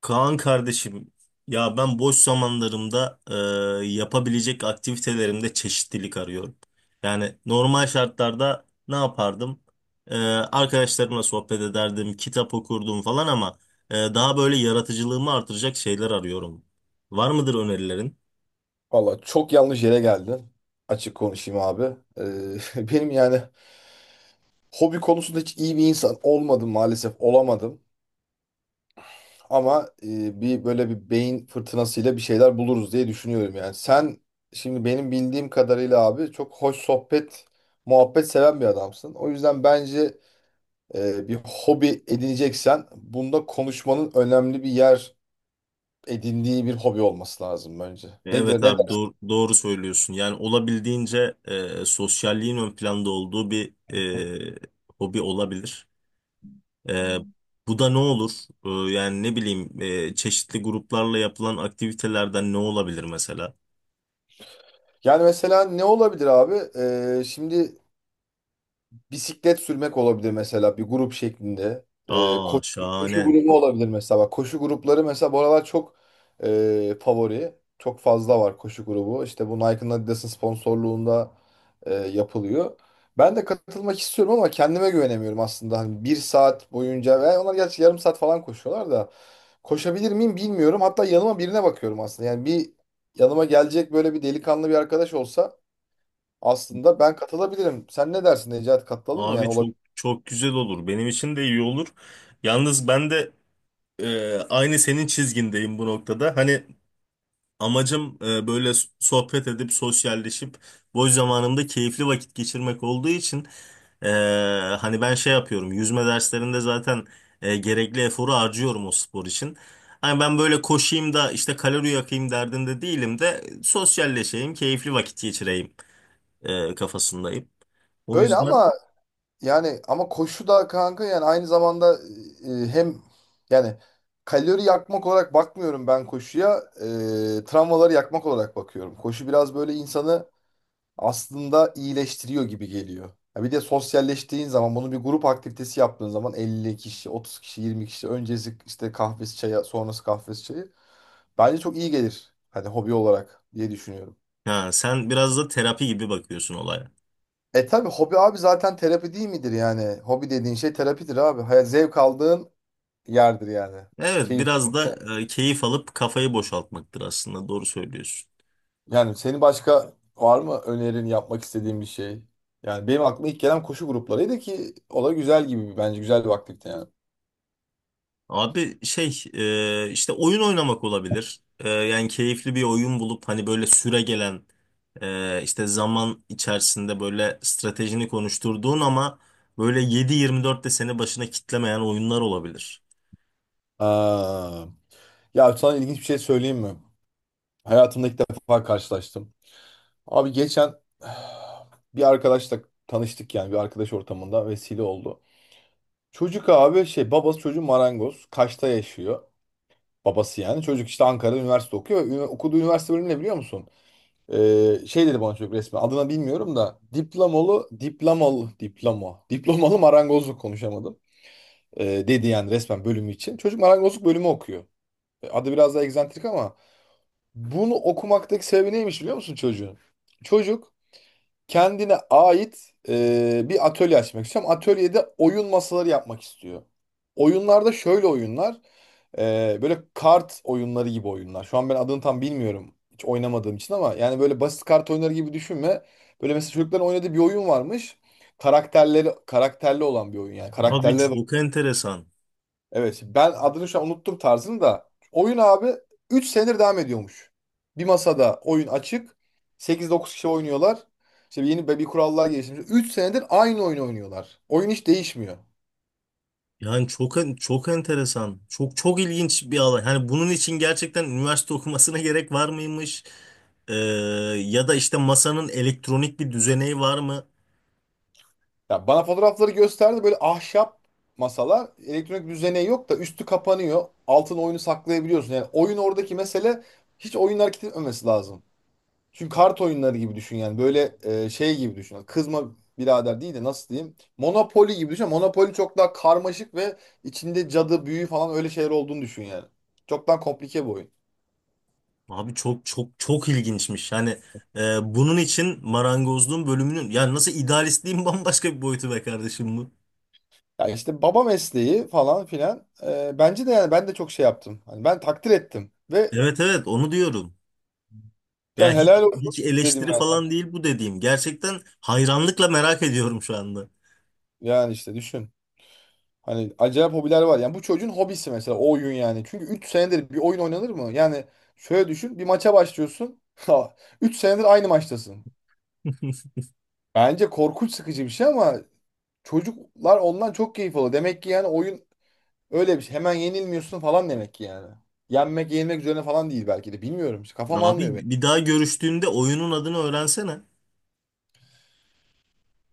Kaan kardeşim, ya ben boş zamanlarımda yapabilecek aktivitelerimde çeşitlilik arıyorum. Yani normal şartlarda ne yapardım? Arkadaşlarımla sohbet ederdim, kitap okurdum falan ama daha böyle yaratıcılığımı artıracak şeyler arıyorum. Var mıdır önerilerin? Valla çok yanlış yere geldin. Açık konuşayım abi. Benim yani hobi konusunda hiç iyi bir insan olmadım, maalesef olamadım. Ama bir böyle bir beyin fırtınasıyla bir şeyler buluruz diye düşünüyorum yani. Sen şimdi benim bildiğim kadarıyla abi çok hoş sohbet, muhabbet seven bir adamsın. O yüzden bence bir hobi edineceksen bunda konuşmanın önemli bir yer edindiği bir hobi olması lazım bence. Ne diyor, Evet ne der? abi doğru, doğru söylüyorsun. Yani olabildiğince sosyalliğin ön planda olduğu bir e, hobi olabilir. Ee, Bu da ne olur? Yani ne bileyim, çeşitli gruplarla yapılan aktivitelerden ne olabilir mesela? Yani mesela ne olabilir abi? Şimdi bisiklet sürmek olabilir mesela, bir grup şeklinde. Ee, Aa ko- koşu şahane. grubu olabilir mesela. Bak, koşu grupları mesela bu aralar çok favori. Çok fazla var koşu grubu. İşte bu Nike'ın, Adidas'ın sponsorluğunda yapılıyor. Ben de katılmak istiyorum ama kendime güvenemiyorum aslında. Hani bir saat boyunca, ve onlar gerçi yarım saat falan koşuyorlar da, koşabilir miyim bilmiyorum. Hatta yanıma birine bakıyorum aslında. Yani bir yanıma gelecek böyle bir delikanlı bir arkadaş olsa aslında ben katılabilirim. Sen ne dersin Necati, katılalım mı, yani Abi çok olabilir. çok güzel olur. Benim için de iyi olur. Yalnız ben de aynı senin çizgindeyim bu noktada. Hani amacım, böyle sohbet edip sosyalleşip boş zamanımda keyifli vakit geçirmek olduğu için, e, hani ben şey yapıyorum, yüzme derslerinde zaten gerekli eforu harcıyorum o spor için. Hani ben böyle koşayım da işte kalori yakayım derdinde değilim de sosyalleşeyim, keyifli vakit geçireyim kafasındayım. O Öyle yüzden, ama yani ama koşu da kanka, yani aynı zamanda hem yani kalori yakmak olarak bakmıyorum ben koşuya. Travmaları yakmak olarak bakıyorum. Koşu biraz böyle insanı aslında iyileştiriyor gibi geliyor. Ya bir de sosyalleştiğin zaman, bunu bir grup aktivitesi yaptığın zaman, 50 kişi, 30 kişi, 20 kişi, öncesi işte kahvesi çaya, sonrası kahvesi çayı, bence çok iyi gelir. Hani hobi olarak diye düşünüyorum. ha, sen biraz da terapi gibi bakıyorsun olaya. E tabii hobi abi zaten terapi değil midir yani? Hobi dediğin şey terapidir abi. Hayat zevk aldığın yerdir yani. Evet Keyif. biraz da keyif alıp kafayı boşaltmaktır aslında, doğru söylüyorsun. Yani senin başka var mı önerin, yapmak istediğin bir şey? Yani benim aklıma ilk gelen koşu gruplarıydı, ki o da güzel, gibi bence güzel bir aktivite yani. Abi şey, işte oyun oynamak olabilir. Yani keyifli bir oyun bulup, hani böyle süre gelen işte zaman içerisinde böyle stratejini konuşturduğun ama böyle 7-24 de seni başına kitlemeyen oyunlar olabilir. Aa, ya sana ilginç bir şey söyleyeyim mi? Hayatımda ilk defa karşılaştım. Abi geçen bir arkadaşla tanıştık, yani bir arkadaş ortamında vesile oldu. Çocuk abi şey, babası çocuğu marangoz. Kaş'ta yaşıyor. Babası yani. Çocuk işte Ankara'da üniversite okuyor. Okuduğu üniversite bölümü ne biliyor musun? Şey dedi bana çocuk resmen. Adını bilmiyorum da. Diplomalı, diplomalı, diploma. Diplomalı marangozluk, konuşamadım. Dedi yani resmen bölümü için. Çocuk marangozluk bölümü okuyor. Adı biraz daha egzantrik ama bunu okumaktaki sebebi neymiş biliyor musun çocuğun? Çocuk kendine ait bir atölye açmak istiyorum. Atölyede oyun masaları yapmak istiyor. Oyunlarda şöyle oyunlar. Böyle kart oyunları gibi oyunlar. Şu an ben adını tam bilmiyorum. Hiç oynamadığım için ama yani böyle basit kart oyunları gibi düşünme. Böyle mesela çocukların oynadığı bir oyun varmış. Karakterleri karakterli olan bir oyun yani. Abi Karakterlere. Hmm. çok enteresan. Evet ben adını şu an unuttum, tarzını da. Oyun abi 3 senedir devam ediyormuş. Bir masada oyun açık. 8-9 kişi oynuyorlar. İşte yeni bir kurallar geliştirmiş. 3 senedir aynı oyunu oynuyorlar. Oyun hiç değişmiyor. Yani çok enteresan. Çok çok ilginç bir alan. Hani bunun için gerçekten üniversite okumasına gerek var mıymış? E, Ya da işte masanın elektronik bir düzeneği var mı? Ya bana fotoğrafları gösterdi, böyle ahşap masalar. Elektronik düzeneği yok da üstü kapanıyor. Altın oyunu saklayabiliyorsun. Yani oyun, oradaki mesele hiç oyun hareket etmemesi lazım. Çünkü kart oyunları gibi düşün yani. Böyle şey gibi düşün. Kızma birader değil de, nasıl diyeyim? Monopoly gibi düşün. Monopoly çok daha karmaşık ve içinde cadı, büyü falan öyle şeyler olduğunu düşün yani. Çok daha komplike bir oyun. Abi çok çok çok ilginçmiş. Yani bunun için marangozluğun bölümünün, yani nasıl idealistliğin bambaşka bir boyutu be kardeşim bu. Yani işte baba mesleği falan filan. Bence de yani ben de çok şey yaptım. Hani ben takdir ettim ve Evet evet, onu diyorum. Ya yani hiç helal olsun hiç dedim eleştiri yani. falan değil bu dediğim. Gerçekten hayranlıkla merak ediyorum şu anda. Yani işte düşün. Hani acayip hobiler var. Yani bu çocuğun hobisi mesela o oyun yani. Çünkü 3 senedir bir oyun oynanır mı? Yani şöyle düşün. Bir maça başlıyorsun. 3 senedir aynı maçtasın. Bence korkunç sıkıcı bir şey ama çocuklar ondan çok keyif alıyor. Demek ki yani oyun öyle bir şey. Hemen yenilmiyorsun falan demek ki yani. Yenmek yenilmek üzerine falan değil belki de. Bilmiyorum. İşte kafam almıyor Abi beni. bir daha görüştüğünde oyunun adını öğrensene.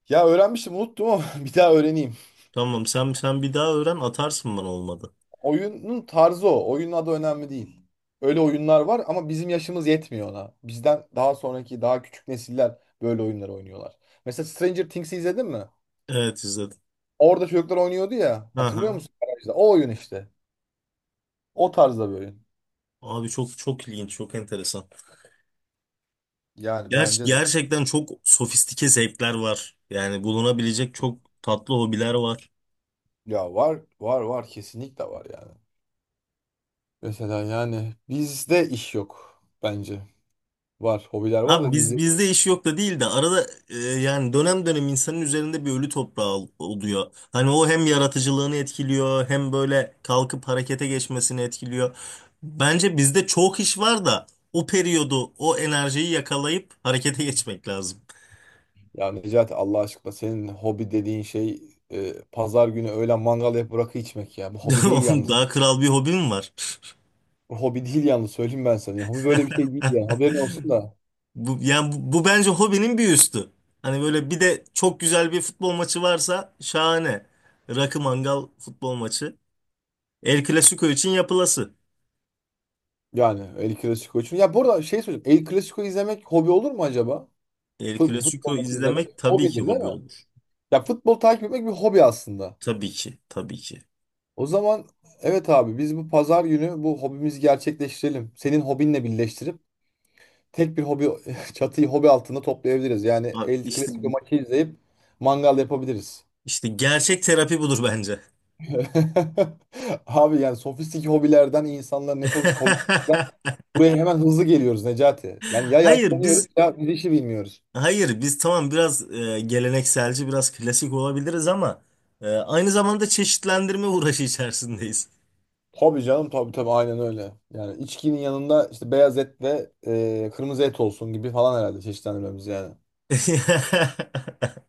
Ya öğrenmiştim, unuttum ama bir daha öğreneyim. Tamam, sen bir daha öğren, atarsın bana, olmadı. Oyunun tarzı o. Oyunun adı önemli değil. Öyle oyunlar var ama bizim yaşımız yetmiyor ona. Bizden daha sonraki, daha küçük nesiller böyle oyunları oynuyorlar. Mesela Stranger Things'i izledin mi? Evet, izledim. Orada çocuklar oynuyordu ya. Hatırlıyor Aha. musun? Garajda. O oyun işte. O tarzda bir oyun. Abi çok çok ilginç, çok enteresan. Yani bence de. Gerçekten çok sofistike zevkler var. Yani bulunabilecek çok tatlı hobiler var. Ya var var var, kesinlikle var yani. Mesela yani bizde iş yok bence. Var, hobiler var Abi da biz bizde. bizde iş yok da değil de, arada, yani dönem dönem insanın üzerinde bir ölü toprağı oluyor. Hani o hem yaratıcılığını etkiliyor hem böyle kalkıp harekete geçmesini etkiliyor. Bence bizde çok iş var da o periyodu, o enerjiyi yakalayıp harekete geçmek lazım. Ya Necati, Allah aşkına senin hobi dediğin şey pazar günü öğlen mangal yapıp rakı içmek ya. Bu hobi değil yalnız. Daha kral bir hobim var. Bu hobi değil yalnız, söyleyeyim ben sana. Ya, hobi böyle bir şey değil yani, haberin olsun da. Bu bence hobinin bir üstü. Hani böyle bir de çok güzel bir futbol maçı varsa şahane. Rakı, mangal, futbol maçı. El Clasico için yapılası. Yani El Clasico için. Ya burada şey söyleyeceğim. El Clasico izlemek hobi olur mu acaba? El Futbol Clasico maçı izlemek izlemek tabii ki hobidir değil hobi mi? olur. Ya futbol takip etmek bir hobi aslında. Tabii ki, tabii ki. O zaman evet abi, biz bu pazar günü bu hobimizi gerçekleştirelim. Senin hobinle birleştirip tek bir hobi çatıyı hobi altında toplayabiliriz. Yani Abi El işte Clasico maçı izleyip mangal yapabiliriz. işte gerçek terapi budur bence. Abi yani sofistik hobilerden, insanlar ne, sofistik hobilerden buraya hemen hızlı geliyoruz Necati. Yani ya Hayır yaşlanıyoruz biz ya bir işi bilmiyoruz. hayır, biz tamam biraz gelenekselci, biraz klasik olabiliriz ama aynı zamanda çeşitlendirme uğraşı içerisindeyiz. Tabii canım, tabii tabii, aynen öyle. Yani içkinin yanında işte beyaz et ve kırmızı et olsun gibi falan, herhalde çeşitlendirmemiz yani.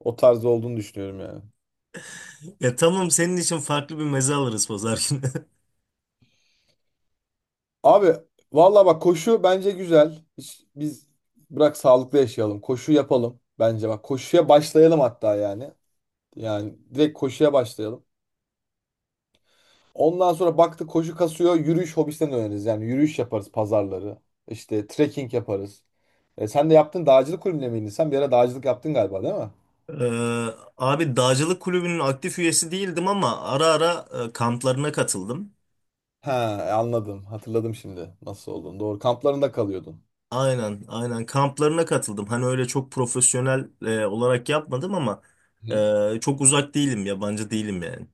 O tarzda olduğunu düşünüyorum yani. Ya tamam, senin için farklı bir meze alırız pazar günü. Abi valla bak, koşu bence güzel. Biz bırak sağlıklı yaşayalım. Koşu yapalım bence bak. Koşuya başlayalım hatta yani. Yani direkt koşuya başlayalım. Ondan sonra baktık koşu kasıyor, yürüyüş hobisinden öğreniriz. Yani yürüyüş yaparız pazarları. İşte trekking yaparız. E, sen de yaptın dağcılık kulübüne miydin? Sen bir ara dağcılık yaptın galiba değil mi? Ee, Abi dağcılık kulübünün aktif üyesi değildim ama ara ara kamplarına katıldım. He, anladım. Hatırladım şimdi nasıl olduğunu. Doğru, kamplarında kalıyordun. Aynen, aynen kamplarına katıldım. Hani öyle çok profesyonel olarak yapmadım ama Hı. Çok uzak değilim, yabancı değilim yani.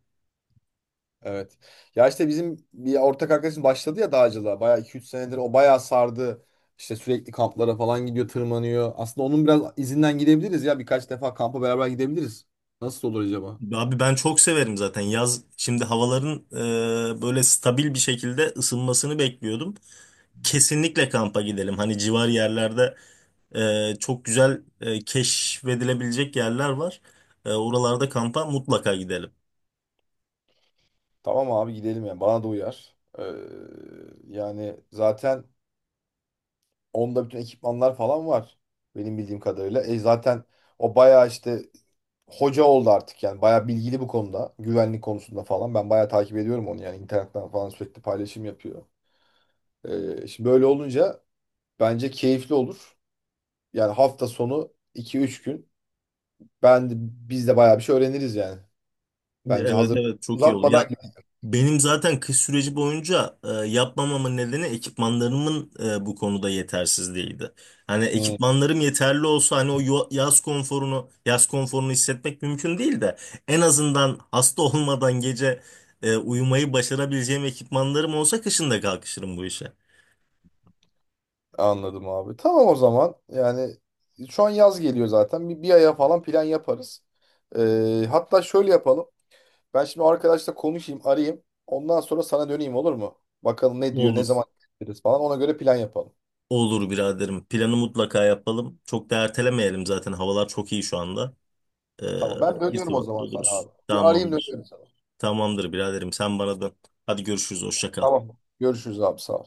Evet. Ya işte bizim bir ortak arkadaşım başladı ya dağcılığa. Bayağı 2-3 senedir, o bayağı sardı. İşte sürekli kamplara falan gidiyor, tırmanıyor. Aslında onun biraz izinden gidebiliriz ya. Birkaç defa kampa beraber gidebiliriz. Nasıl olur acaba? Abi ben çok severim zaten yaz. Şimdi havaların böyle stabil bir şekilde ısınmasını bekliyordum. Kesinlikle kampa gidelim. Hani civar yerlerde, çok güzel keşfedilebilecek yerler var. Oralarda kampa mutlaka gidelim. Tamam abi gidelim yani. Bana da uyar. Yani zaten onda bütün ekipmanlar falan var. Benim bildiğim kadarıyla. E zaten o bayağı işte hoca oldu artık yani. Bayağı bilgili bu konuda. Güvenlik konusunda falan. Ben bayağı takip ediyorum onu yani. İnternetten falan sürekli paylaşım yapıyor. Şimdi böyle olunca bence keyifli olur. Yani hafta sonu 2-3 gün biz de bayağı bir şey öğreniriz yani. Bence Evet hazır evet, çok iyi olur. uzatmadan Ya gidelim. benim zaten kış süreci boyunca yapmamamın nedeni, ekipmanlarımın bu konuda yetersizliğiydi. Hani Hmm, ekipmanlarım yeterli olsa, hani o yaz konforunu hissetmek mümkün değil de, en azından hasta olmadan gece uyumayı başarabileceğim ekipmanlarım olsa kışın da kalkışırım bu işe. anladım abi. Tamam o zaman. Yani şu an yaz geliyor zaten. Bir aya falan plan yaparız. Hatta şöyle yapalım. Ben şimdi o arkadaşla konuşayım, arayayım. Ondan sonra sana döneyim olur mu? Bakalım ne diyor, ne Olur. zaman gideriz falan. Ona göre plan yapalım. Olur biraderim. Planı mutlaka yapalım. Çok da ertelemeyelim zaten. Havalar çok iyi şu anda. Ee, Tamam. Ben dönüyorum o irtibatlı zaman sana oluruz. abi. Bir arayayım, Tamamdır. dönüyorum sana. Tamamdır biraderim. Sen bana dön. Hadi görüşürüz. Hoşça kal. Tamam. Görüşürüz abi, sağ ol.